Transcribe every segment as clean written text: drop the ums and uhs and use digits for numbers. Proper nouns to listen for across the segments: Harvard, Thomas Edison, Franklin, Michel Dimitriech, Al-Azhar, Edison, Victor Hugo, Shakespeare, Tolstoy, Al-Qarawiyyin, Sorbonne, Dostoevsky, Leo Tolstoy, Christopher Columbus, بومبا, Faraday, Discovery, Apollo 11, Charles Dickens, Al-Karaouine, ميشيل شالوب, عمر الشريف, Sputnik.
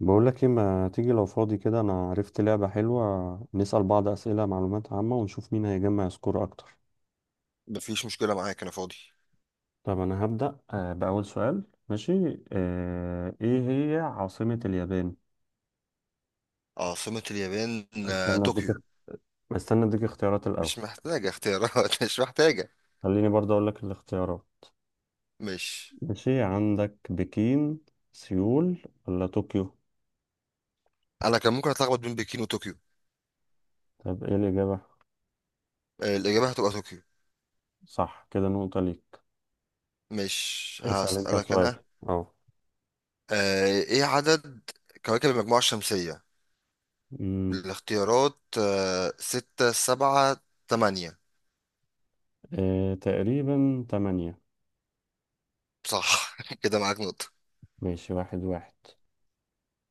بقولك ايه، ما تيجي لو فاضي كده؟ انا عرفت لعبة حلوة، نسأل بعض أسئلة معلومات عامة ونشوف مين هيجمع سكور اكتر. مفيش مشكلة معاك، أنا فاضي. طب أنا هبدأ بأول سؤال. ماشي، إيه هي عاصمة اليابان؟ عاصمة اليابان استنى أديك طوكيو. استنى أديك اختيارات الأول. مش محتاجة اختيارات مش محتاجة. خليني برضه أقول لك الاختيارات. مش. ماشي، عندك بكين، سيول ولا طوكيو؟ أنا كان ممكن أتلخبط بين بكين وطوكيو. طب إيه الإجابة؟ الإجابة هتبقى طوكيو. صح، كده نقطة ليك. مش اسأل أنت هسألك سؤال. أنا. إيه عدد كواكب المجموعة الشمسية؟ أمم، الاختيارات ستة، سبعة، تمانية. تقريبا تمانية. صح كده معاك نقطة. ماشي، واحد واحد.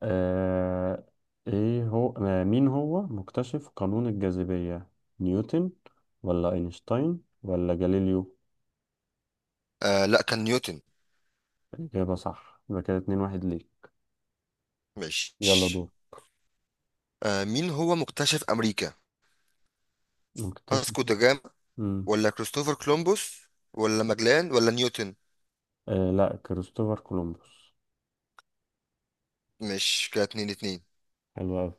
آه ايه هو آه مين هو مكتشف قانون الجاذبية؟ نيوتن ولا اينشتاين ولا جاليليو؟ لأ، كان نيوتن. الإجابة صح، يبقى كده اتنين واحد ليك. مش. يلا دور. مين هو مكتشف أمريكا؟ مكتشف. فاسكو دا جاما مم. ولا كريستوفر كولومبوس ولا ماجلان ولا نيوتن؟ لا، كريستوفر كولومبوس. مش، كده اتنين اتنين. حلو أوي.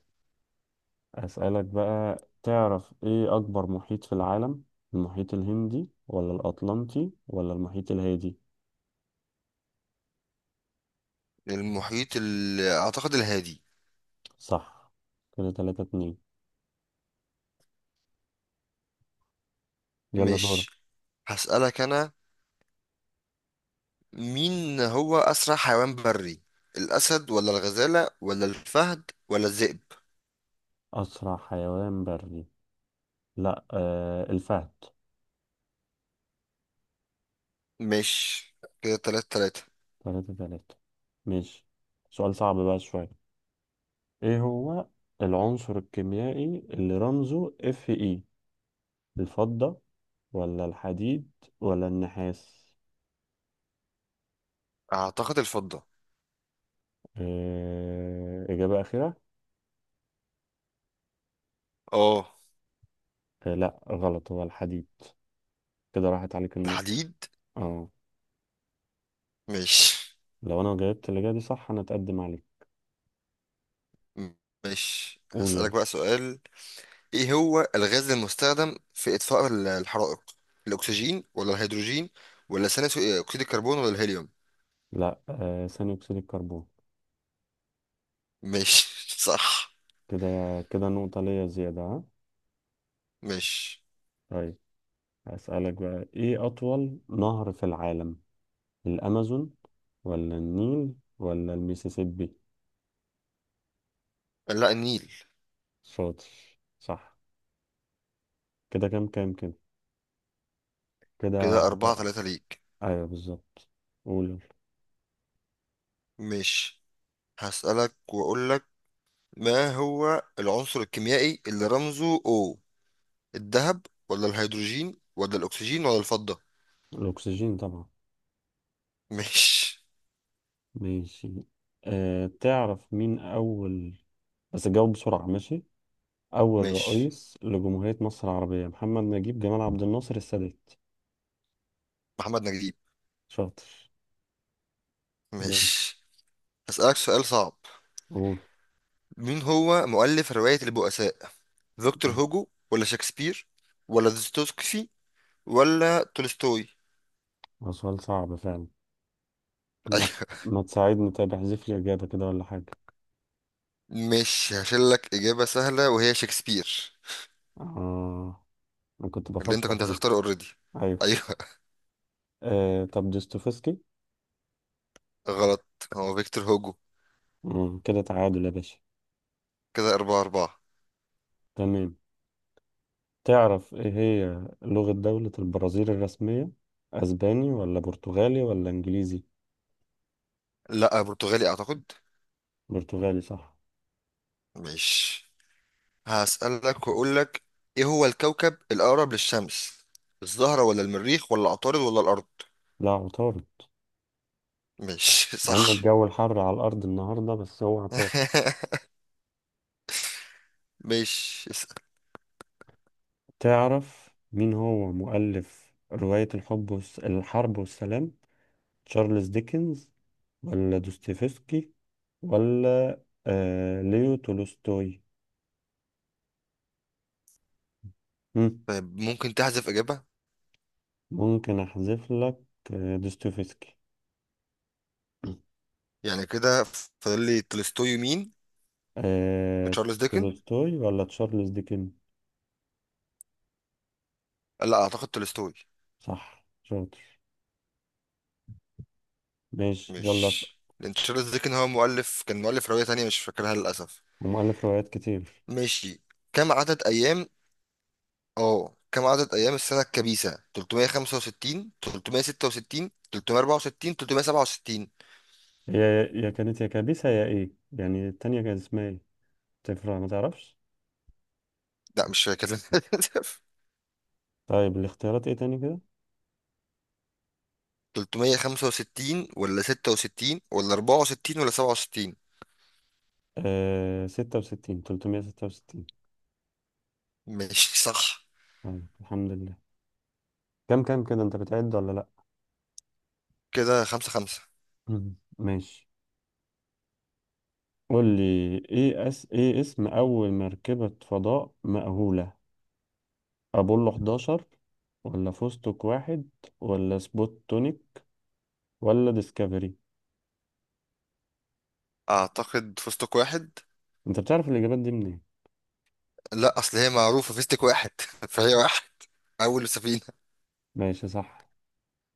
أسألك بقى، تعرف ايه أكبر محيط في العالم؟ المحيط الهندي ولا الأطلنطي ولا المحيط الهادي؟ المحيط اعتقد الهادي. صح، كده تلاتة اتنين. يلا دور. مش. هسألك انا. مين هو اسرع حيوان بري؟ الاسد ولا الغزالة ولا الفهد ولا الذئب؟ أسرع حيوان بري؟ لا، الفهد. مش، كده تلاتة تلاتة. تلاتة تلاتة. ماشي. سؤال صعب بقى شوية. ايه هو العنصر الكيميائي اللي رمزه Fe؟ الفضة ولا الحديد ولا النحاس؟ اعتقد الفضة. إجابة أخيرة؟ اه، لا، غلط، هو الحديد. كده راحت عليك النقطة. الحديد. اه. مش. لو أنا جاوبت الإجابة دي صح، أنا أتقدم عليك. مش قول هسألك يلا. بقى سؤال. ايه هو الغاز المستخدم في اطفاء الحرائق؟ الاكسجين ولا الهيدروجين ولا ثاني اكسيد الكربون ولا الهيليوم؟ لا، ثاني أكسيد الكربون. مش صح. كده كده نقطة ليا زيادة، ها؟ مش. طيب. هسألك بقى، إيه أطول نهر في العالم؟ الأمازون ولا النيل ولا الميسيسيبي؟ لا، النيل. شاطر، صح. كده كام كام كده. كده. كده أربعة ثلاثة ليك. أيوه، بالظبط. قول يلا. مش هسألك وأقولك: ما هو العنصر الكيميائي اللي رمزه O؟ الذهب ولا الهيدروجين ولا الأكسجين ولا الفضة؟ الأكسجين طبعا. مش. ماشي. تعرف مين أول، بس جاوب بسرعة، ماشي؟ أول مش. رئيس لجمهورية مصر العربية، محمد نجيب، جمال عبد الناصر، السادات؟ محمد نجيب. شاطر. ماشي. مش هسألك سؤال صعب. قول. مين هو مؤلف رواية البؤساء؟ فيكتور هوجو ولا شكسبير ولا دوستويفسكي ولا تولستوي؟ هو سؤال صعب فعلا. ما أيوة. ما تساعدني طيب، احذف لي إجابة كده ولا حاجة. مش هشيل لك إجابة سهلة وهي شكسبير. آه. أنا كنت اللي أنت بفكر كنت فيه. هتختاره أوريدي. أيوه. أيوة. طب دوستويفسكي. غلط، هو فيكتور هوجو. كده تعادل يا باشا. كده أربعة أربعة. تمام. تعرف ايه هي لغة دولة البرازيل الرسمية؟ اسباني ولا برتغالي ولا انجليزي؟ لا، برتغالي أعتقد. برتغالي، صح. ماشي، هسألك وأقول لك: إيه هو الكوكب الأقرب للشمس؟ الزهرة ولا المريخ ولا عطارد ولا الأرض؟ لا، عطارد. ماشي مع ان صح. الجو الحر على الارض النهاردة، بس هو عطارد. ماشي، اسأل. تعرف مين هو مؤلف رواية الحرب والسلام؟ تشارلز ديكنز ولا دوستويفسكي ولا ليو تولستوي؟ مم، طيب، ممكن تحذف إجابة؟ ممكن احذف لك دوستويفسكي. يعني كده فاضل لي تولستوي، مين؟ آه... تشارلز ديكن. تولستوي ولا تشارلز ديكن؟ لا، أعتقد تولستوي. صح، شاطر. ماشي يلا. مش. لأن تشارلز ديكن هو مؤلف، كان مؤلف رواية تانية مش فاكرها للأسف. ومؤلف روايات كتير. ماشي. كم عدد أيام؟ اه، كم عدد ايام السنه الكبيسه؟ 365، 366، 364، 367؟ هي يا كانت يا كابيسة، يا ايه يعني التانية، كانت اسمها ايه؟ تفرق؟ ما تعرفش؟ لا، مش فاكر للأسف. طيب، الاختيارات ايه تاني كده؟ 365 ولا 66 ولا 64 ولا 67؟ آه... ستة وستين تلتمية ستة وستين. ماشي، صح. طيب، الحمد لله. كم كده، انت بتعد ولا لأ؟ كده خمسة خمسة. مم. ماشي. قول لي ايه اسم اول مركبة فضاء مأهولة؟ ابولو 11 ولا فستق واحد ولا سبوتونيك ولا ديسكفري؟ اعتقد فستق واحد. انت بتعرف الاجابات دي منين؟ لا، اصل هي معروفة، فيستك واحد فهي واحد، اول سفينة. ماشي، صح.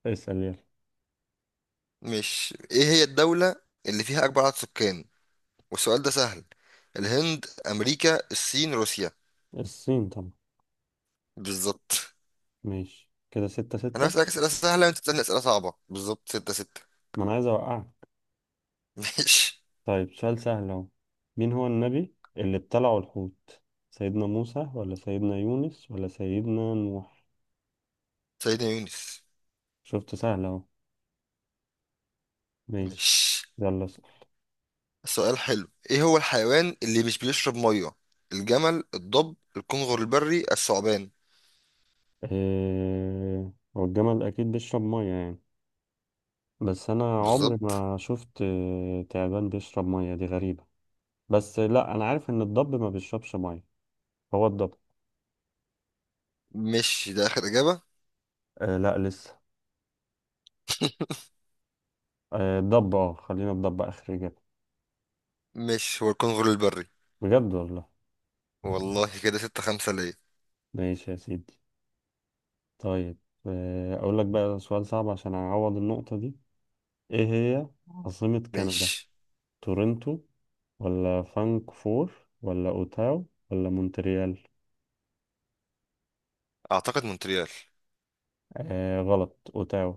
اسأل يلا. مش. ايه هي الدولة اللي فيها اكبر عدد سكان؟ والسؤال ده سهل. الهند، امريكا، الصين، روسيا؟ الصين طبعا. بالظبط. ماشي، كده ستة انا ستة. بسألك اسئله سهله وانت بتسالني اسئله صعبه. بالظبط، ستة ستة. ما انا عايز اوقعك. ماشي. طيب، سؤال سهل اهو. مين هو النبي اللي ابتلعه الحوت؟ سيدنا موسى ولا سيدنا يونس ولا سيدنا نوح؟ سيدنا يونس. شفت، سهل اهو. ماشي، ماشي. يلا اسأل. سؤال حلو: ايه هو الحيوان اللي مش بيشرب ميه؟ الجمل، الضب، الكنغر البري، الثعبان؟ اه... هو الجمل اكيد بيشرب مية يعني. بس انا عمري بالظبط. ما شفت، تعبان بيشرب مية، دي غريبة. بس لا، انا عارف ان الضب ما بيشربش مية. هو الضب. مش ده اخر اجابه؟ لا، لسه. آه الضب اه خلينا الضب اخر اجابه. مش، هو الكنغر البري. بجد والله. والله، كده ستة خمسة ليا. ماشي يا سيدي. طيب، اقول لك بقى سؤال صعب عشان اعوض النقطه دي. ايه هي عاصمه كندا؟ مش. تورنتو ولا فانكفور ولا اوتاو ولا مونتريال؟ اعتقد مونتريال. غلط، اوتاو.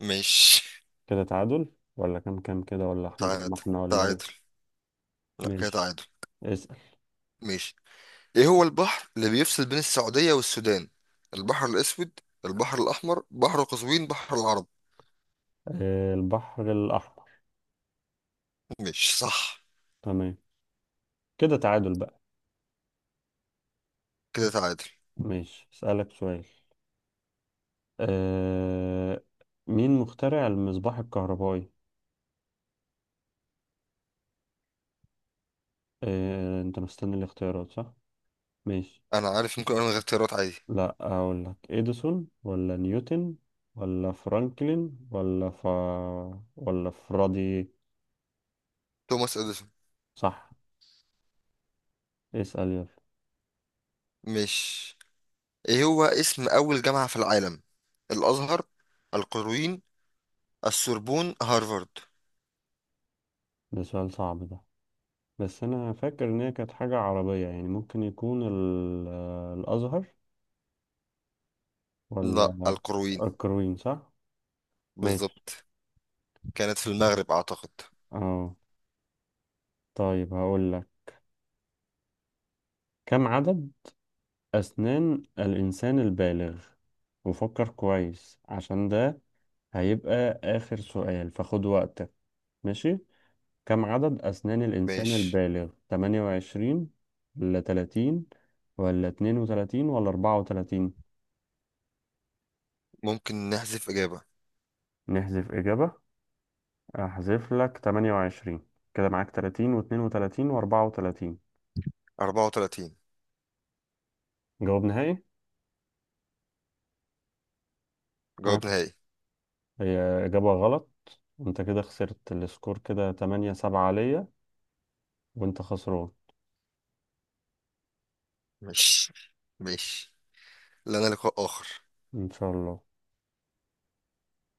مش. كده تعادل؟ ولا كام كام كده، ولا احنا زي تعادل. ما احنا، ولا ايه؟ تعادل. لا، كده ماشي، تعادل. اسأل. مش. ايه هو البحر اللي بيفصل بين السعودية والسودان؟ البحر الاسود، البحر الاحمر، بحر قزوين، بحر العرب؟ البحر الاحمر. مش صح. تمام، كده تعادل بقى. كده تعادل. ماشي، اسألك سؤال. آه مين مخترع المصباح الكهربائي؟ انت مستني الاختيارات، صح؟ ماشي. انا عارف، ممكن انا من غير اختيارات عادي. لا، اقول لك اديسون ولا نيوتن ولا فرانكلين ولا فرادي؟ توماس اديسون. صح. اسأل يلا. مش. ايه هو اسم اول جامعة في العالم؟ الازهر، القرويين، السوربون، هارفارد؟ ده سؤال صعب ده. بس انا فاكر ان هي كانت حاجة عربية يعني، ممكن يكون ال... آه، الازهر لا، ولا... القرويين. الكروين، صح؟ ماشي. بالظبط. كانت في المغرب اعتقد. اه. طيب، هقول لك. كم عدد أسنان الإنسان البالغ؟ وفكر كويس عشان ده هيبقى آخر سؤال، فخد وقتك. ماشي. كم عدد أسنان الإنسان ماشي، البالغ، 28 ولا 30 ولا 32 ولا 34؟ ممكن نحذف اجابة. نحذف إجابة؟ أحذف لك 28. كده معاك 30 و32 و34. 34 جواب نهائي؟ ها. جواب نهائي. هي إجابة غلط. انت كده خسرت السكور، كده 8-7 عليا، وانت خسران. مش. مش. لنا لقاء اخر. ان شاء الله.